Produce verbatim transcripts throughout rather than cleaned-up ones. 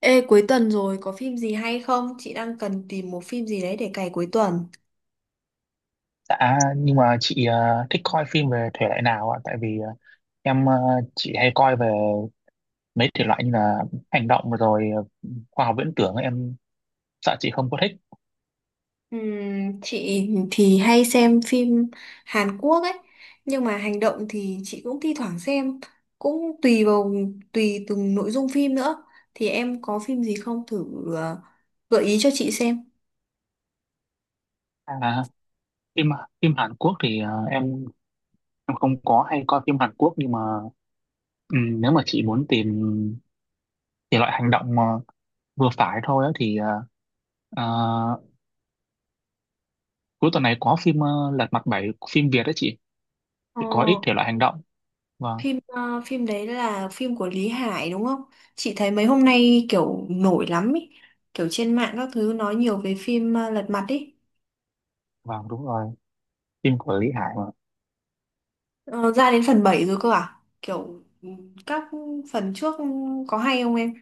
Ê, cuối tuần rồi có phim gì hay không? Chị đang cần tìm một phim gì đấy để cày cuối tuần. À, nhưng mà chị ờ, thích coi phim về thể loại nào ạ? Tại vì ờ, em ờ, chị hay coi về mấy thể loại như là hành động rồi ờ, khoa học viễn tưởng ấy, em sợ chị không có thích. Ừm, chị thì hay xem phim Hàn Quốc ấy, nhưng mà hành động thì chị cũng thi thoảng xem, cũng tùy vào tùy từng nội dung phim nữa. Thì em có phim gì không thử ờ, gợi ý cho chị xem. À, phim phim Hàn Quốc thì ờ, em em không có hay coi phim Hàn Quốc, nhưng mà ừm, nếu mà chị muốn tìm thể loại hành động mà vừa phải thôi á, thì ờ, ờ, cuối tuần này có phim ờ, Lật Mặt Bảy, phim Việt đấy chị, Ờ, thì có ít thể loại hành động. Vâng, phim ờ, phim đấy là phim của Lý Hải đúng không? Chị thấy mấy hôm nay kiểu nổi lắm ấy, kiểu trên mạng các thứ nói nhiều về phim ờ, Lật Mặt ấy. vâng, đúng rồi, phim của Lý Hải mà. Ờ, ra đến phần bảy rồi cơ à? Kiểu ừ, các phần trước có hay không em?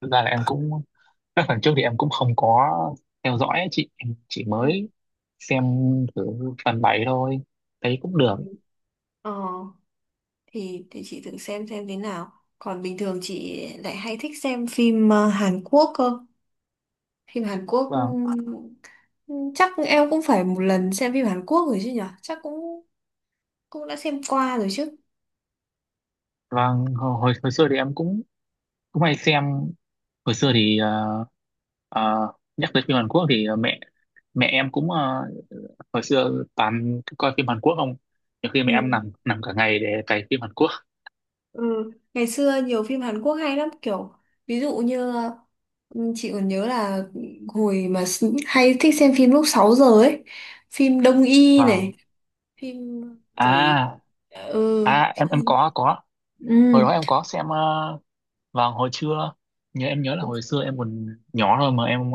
Thực ra là em cũng các phần trước thì em cũng không có theo dõi ấy chị, em chỉ Ừ. mới xem thử phần bảy thôi, thấy cũng được. Ừ. Ờ, thì thì chị thử xem xem thế nào. Còn bình thường chị lại hay thích xem phim ờ, Hàn Quốc cơ. Phim Hàn Quốc ừ, và ừ, chắc em cũng phải một lần xem phim Hàn Quốc rồi chứ nhở? Chắc cũng cũng đã xem qua rồi chứ. và hồi hồi hồi xưa thì em cũng cũng hay xem. Hồi xưa thì ờ, ờ, nhắc tới phim Hàn Quốc thì ờ, mẹ mẹ em cũng ờ, hồi xưa toàn coi phim Hàn Quốc không, nhiều khi mẹ em Ừ. nằm nằm cả ngày để cày phim Hàn Quốc. Ừ, ngày xưa nhiều phim Hàn Quốc hay lắm kiểu ví dụ như ừ, chị còn nhớ là hồi mà s- hay thích xem phim lúc sáu giờ ấy, phim Đông Y này, Vâng. phim rồi À, ừ, à, ừ, em em có có hồi đó em có xem ờ, vào hồi trưa. Nhớ, em nhớ là hồi xưa em còn nhỏ thôi mà em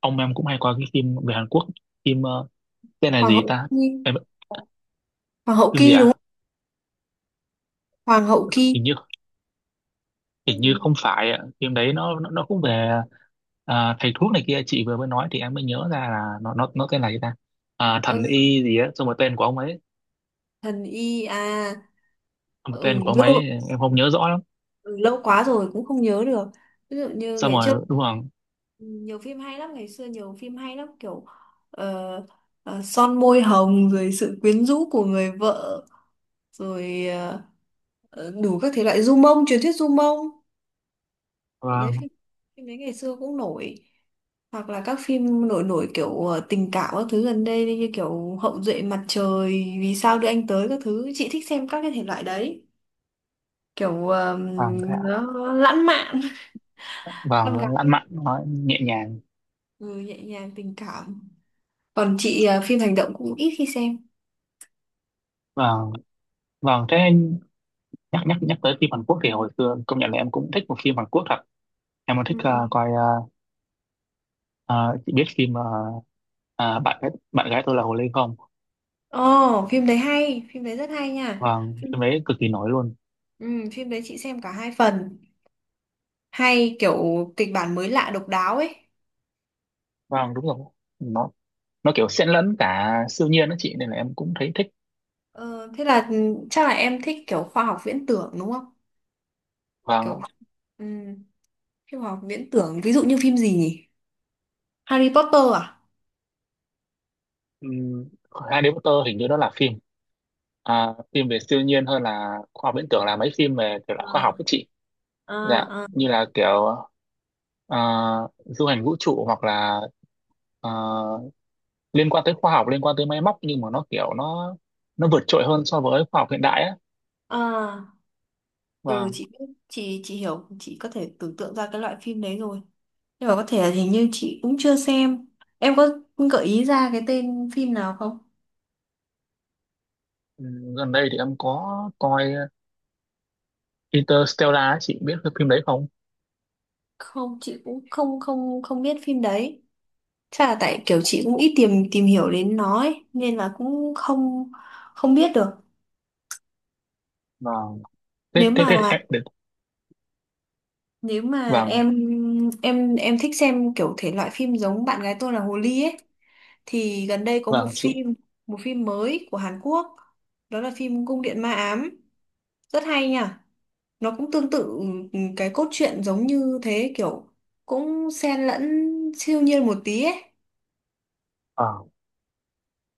ông em cũng hay coi cái phim về Hàn Quốc, phim ờ, tên là Hoàng gì hậu ta. Ki, Em, Hoàng hậu phim gì Ki đúng ạ? không? Hoàng hậu Ki. Hình như hình Ừ, như không phải ạ, phim đấy nó nó, nó cũng về à, thầy thuốc này kia chị vừa mới nói thì em mới nhớ ra là nó nó nó tên là gì ta. À, ừ, thần y gì á xong rồi tên của ông ấy, thần Y à. một Ừ, tên của ông lâu ấy, em không nhớ rõ lắm. ừ, lâu quá rồi cũng không nhớ được. Ví dụ như Xong ngày trước rồi đúng rồi. nhiều phim hay lắm, ngày xưa nhiều phim hay lắm kiểu ờ, ờ, son môi hồng rồi sự quyến rũ của người vợ rồi ờ, ờ, đủ các thể loại du mông truyền thuyết du mông, đấy Vâng. phim phim đấy ngày xưa cũng nổi, hoặc là các phim nổi nổi kiểu ờ, tình cảm các thứ gần đây như kiểu Hậu duệ mặt trời, vì sao đưa anh tới các thứ. Chị thích xem các cái thể loại đấy, kiểu ờ, Vâng thế ạ. nó lãng mạn, con Vâng, lãng gái mạn nó nhẹ nhàng. ừ, nhẹ nhàng tình cảm. Còn chị ờ, phim hành động cũng ít khi xem. Vâng. Vâng thế. Nhắc nhắc nhắc tới phim Hàn Quốc thì hồi xưa công nhận là em cũng thích một phim Hàn Quốc thật. Em còn thích ờ, Ừ. coi ờ, à, chị biết phim mà à, bạn gái bạn gái tôi là Hồ Ly không? Ồ, phim đấy hay, phim đấy rất hay nha. Vâng, Phim, phim đấy cực kỳ nổi luôn. ừ, phim đấy chị xem cả hai phần, hay kiểu kịch bản mới lạ độc đáo ấy. Vâng, đúng rồi. Nó nó kiểu xen lẫn cả siêu nhiên đó chị nên là em cũng thấy thích. Ờ, thế là ừ, chắc là em thích kiểu khoa học viễn tưởng đúng không? Kiểu Vâng. ừm, cái khoa học viễn tưởng ví dụ như phim gì nhỉ? Harry Potter à? um, Harry Potter hình như đó là phim à, phim về siêu nhiên, hơn là khoa học viễn tưởng là mấy phim về kiểu là khoa học đó chị. Dạ, À, à, như là kiểu à, du hành vũ trụ hoặc là à, liên quan tới khoa học, liên quan tới máy móc nhưng mà nó kiểu nó nó vượt trội hơn so với khoa học hiện đại á. à. Và Ừ, chị biết, chị chị hiểu, chị có thể tưởng tượng ra cái loại phim đấy rồi. Nhưng mà có thể là hình như chị cũng chưa xem. Em có gợi ý ra cái tên phim nào không? ừ, gần đây thì em có coi Interstellar ấy, chị biết cái phim đấy không? Không, chị cũng không không không biết phim đấy. Chắc là tại kiểu chị cũng ít tìm tìm hiểu đến nó ấy, nên là cũng không không biết được. Vâng. Thế Nếu thế mà thế thì em được. nếu mà Vâng, em em em thích xem kiểu thể loại phim giống bạn gái tôi là hồ ly ấy, thì gần đây có một vâng chị. phim, một phim mới của Hàn Quốc, đó là phim Cung điện ma ám, rất hay nha. Nó cũng tương tự ừ, cái cốt truyện giống như thế, kiểu cũng xen lẫn siêu nhiên một tí ấy. Ờ.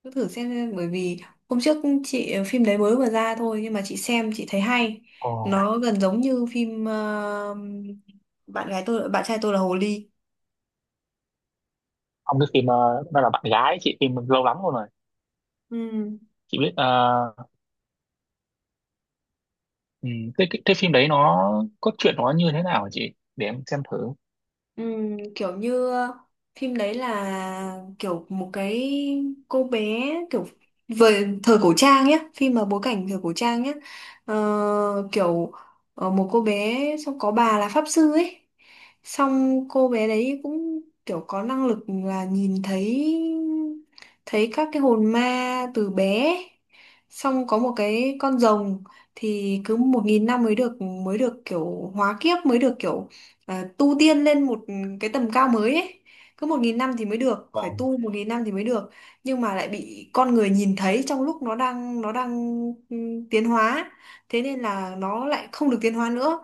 Cứ thử xem xem, bởi vì hôm trước chị ờ, phim đấy mới vừa ra thôi nhưng mà chị xem chị thấy hay, Ồ. nó gần giống như phim ờ, bạn gái tôi bạn trai tôi là hồ ly. Ông cái phim ờ, đó là bạn gái chị, phim lâu lắm rồi rồi. Ừ. Chị biết ờ, ừ, cái, cái cái phim đấy nó cốt truyện nó như thế nào hả chị? Để em xem thử. Ừm, kiểu như phim đấy là kiểu một cái cô bé, kiểu về thời cổ trang nhé, phim mà bối cảnh thời cổ trang nhé. Ờ, kiểu ờ, một cô bé, xong có bà là pháp sư ấy, xong cô bé đấy cũng kiểu có năng lực là nhìn thấy, thấy các cái hồn ma từ bé, xong có một cái con rồng, thì cứ một nghìn năm mới được, mới được kiểu hóa kiếp, mới được kiểu à, tu tiên lên một cái tầm cao mới ấy. Cứ một nghìn năm thì mới được, phải Vâng. tu một nghìn năm thì mới được, nhưng mà lại bị con người nhìn thấy trong lúc nó đang nó đang ừ, tiến hóa, thế nên là nó lại không được tiến hóa nữa.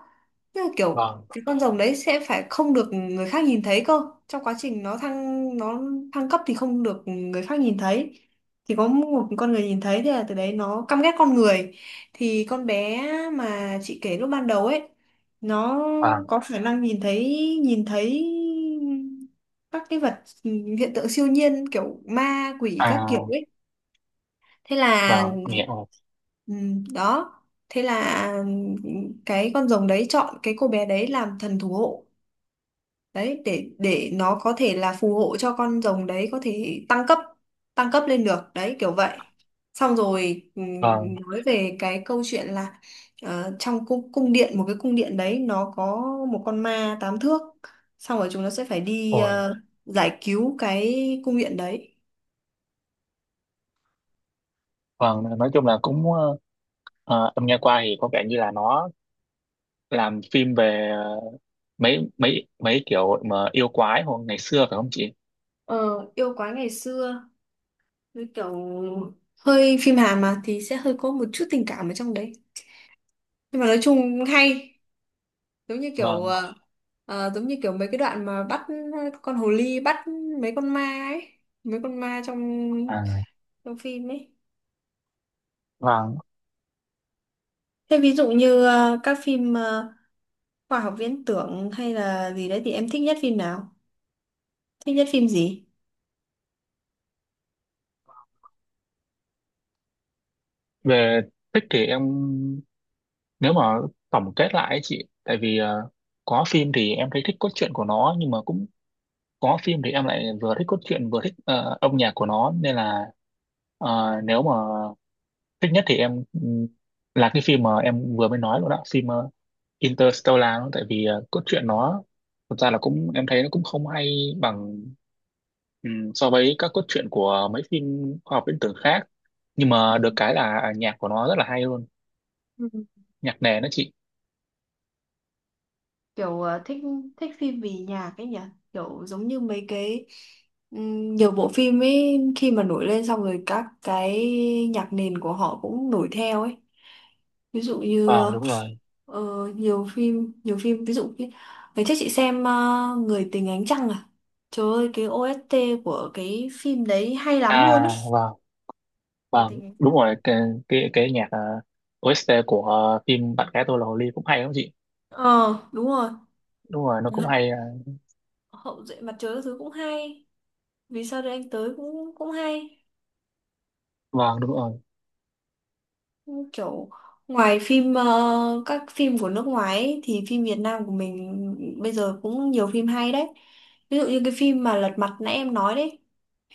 Tức là kiểu Vâng. cái con rồng đấy sẽ phải không được người khác nhìn thấy cơ, trong quá trình nó thăng nó thăng cấp thì không được người khác nhìn thấy, thì có một con người nhìn thấy thì là từ đấy nó căm ghét con người. Thì con bé mà chị kể lúc ban đầu ấy, nó Vâng. có khả năng nhìn thấy, nhìn thấy các cái vật, hiện tượng siêu nhiên kiểu ma quỷ À các kiểu ấy. Thế là vâng, mẹ ơi. ừ, đó, thế là cái con rồng đấy chọn cái cô bé đấy làm thần thủ hộ đấy, để để nó có thể là phù hộ cho con rồng đấy có thể tăng cấp, tăng cấp lên được đấy kiểu vậy. Xong rồi Vâng. ừm, nói về cái câu chuyện là ờ, trong cung cung điện, một cái cung điện đấy nó có một con ma tám thước, xong rồi chúng nó sẽ phải đi Ôi, ờ, giải cứu cái cung điện đấy. vâng, nói chung là cũng ờ, ờ, em nghe qua thì có vẻ như là nó làm phim về mấy mấy mấy kiểu mà yêu quái hồi ngày xưa, phải không chị? Ờ, yêu quái ngày xưa với kiểu hơi phim Hàn mà thì sẽ hơi có một chút tình cảm ở trong đấy, nhưng mà nói chung hay, giống như kiểu Vâng. ờ, ờ, giống như kiểu mấy cái đoạn mà bắt ờ, con hồ ly bắt mấy con ma ấy, mấy con ma trong À, trong phim ấy. vâng. Thế ví dụ như ờ, các phim ờ, khoa học viễn tưởng hay là gì đấy thì em thích nhất phim nào, thích nhất phim gì? Về thích thì em, nếu mà tổng kết lại ấy chị, tại vì ờ, có phim thì em thấy thích cốt truyện của nó nhưng mà cũng có phim thì em lại vừa thích cốt truyện vừa thích ờ, âm nhạc của nó, nên là ờ, nếu mà thích nhất thì em ừm, là cái phim mà em vừa mới nói luôn đó, phim ờ, Interstellar đó. Tại vì ờ, cốt truyện nó thực ra là cũng em thấy nó cũng không hay bằng, ừ, so với các cốt truyện của mấy phim khoa học viễn tưởng khác, nhưng mà được cái là nhạc của nó rất là hay luôn. Ừ. Nhạc nền đó chị. Kiểu ờ, thích thích phim vì nhạc ấy nhỉ. Kiểu giống như mấy cái ừm, nhiều bộ phim ấy, khi mà nổi lên xong rồi các cái nhạc nền của họ cũng nổi theo ấy. Ví dụ như Vâng ờ, đúng rồi. ờ, nhiều phim, nhiều phim ví dụ như ngày trước chị xem ờ, Người tình ánh trăng à, trời ơi cái o ét ti của cái phim đấy hay lắm luôn À á. vâng. Người Vâng tình ánh đúng trăng. rồi, cái cái, cái nhạc ờ, o ét ti của ờ, phim Bạn gái tôi là hồ ly cũng hay lắm chị. Ờ đúng rồi. Đúng rồi, nó cũng Ừ. hay. ờ, Hậu duệ mặt trời các thứ cũng hay, vì sao đây anh tới cũng cũng hay, vâng đúng rồi. kiểu ngoài phim ờ, các phim của nước ngoài ấy, thì phim Việt Nam của mình bây giờ cũng nhiều phim hay đấy. Ví dụ như cái phim mà Lật Mặt nãy em nói đấy,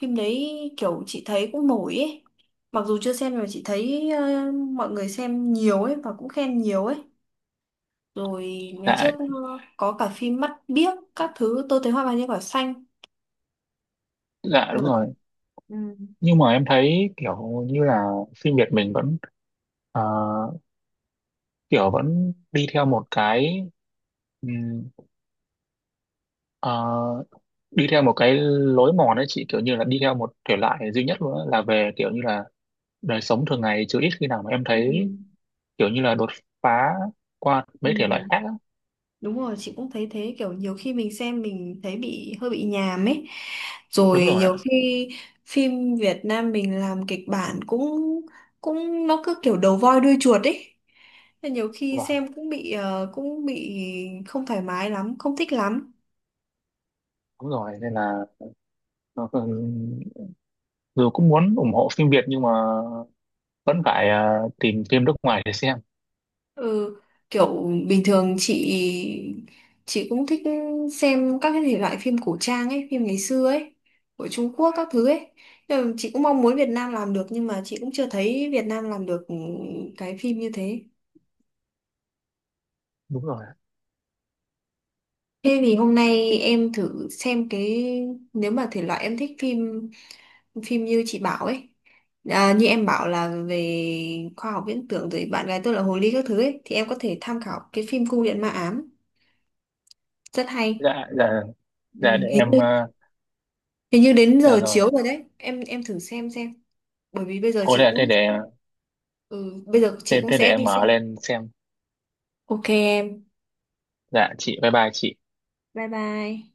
phim đấy kiểu chị thấy cũng nổi ấy, mặc dù chưa xem mà chị thấy ờ, mọi người xem nhiều ấy và cũng khen nhiều ấy. Rồi ngày Dạ trước ờ, có cả phim Mắt Biếc các thứ, tôi thấy hoa vàng trên cỏ xanh, dạ. Đúng nổi. rồi, Ừ. nhưng mà em thấy kiểu như là phim Việt mình vẫn ờ, kiểu vẫn đi theo một cái ừm, ờ, đi theo một cái lối mòn ấy chị kiểu như là đi theo một thể loại duy nhất luôn á, là về kiểu như là đời sống thường ngày chứ ít khi nào mà em Ừ. thấy kiểu như là đột phá qua mấy thể loại khác Ừ. á. Đúng rồi, chị cũng thấy thế, kiểu nhiều khi mình xem mình thấy bị hơi bị nhàm ấy. Rồi Đúng rồi ạ nhiều khi phim Việt Nam mình làm kịch bản cũng cũng nó cứ kiểu đầu voi đuôi chuột ấy. Nên nhiều khi vâng xem cũng bị ờ, cũng bị không thoải mái lắm, không thích lắm. đúng rồi nên là nó còn- dù cũng muốn ủng hộ phim Việt nhưng mà vẫn phải à, tìm phim nước ngoài để xem. Ừ, kiểu bình thường chị chị cũng thích xem các cái thể loại phim cổ trang ấy, phim ngày xưa ấy, của Trung Quốc các thứ ấy. Nhưng mà chị cũng mong muốn Việt Nam làm được, nhưng mà chị cũng chưa thấy Việt Nam làm được cái phim như thế. Đúng rồi ạ. Thế thì hôm nay em thử xem cái, nếu mà thể loại em thích phim, phim như chị bảo ấy. À, như em bảo là về khoa học viễn tưởng rồi bạn gái tôi là hồ ly các thứ ấy, thì em có thể tham khảo cái phim Cung điện ma ám, rất hay. Dạ dạ. Ừ, Dạ để hình như, em à, hình như đến dạ giờ rồi. chiếu rồi đấy. Em em thử xem xem. Bởi vì bây giờ Ôi chị thế cũng thế để, ừ, bây giờ chị thế, cũng thế để sẽ em đi xem. mở lên xem. Ok em. Dạ chị, bye bye chị. Bye bye.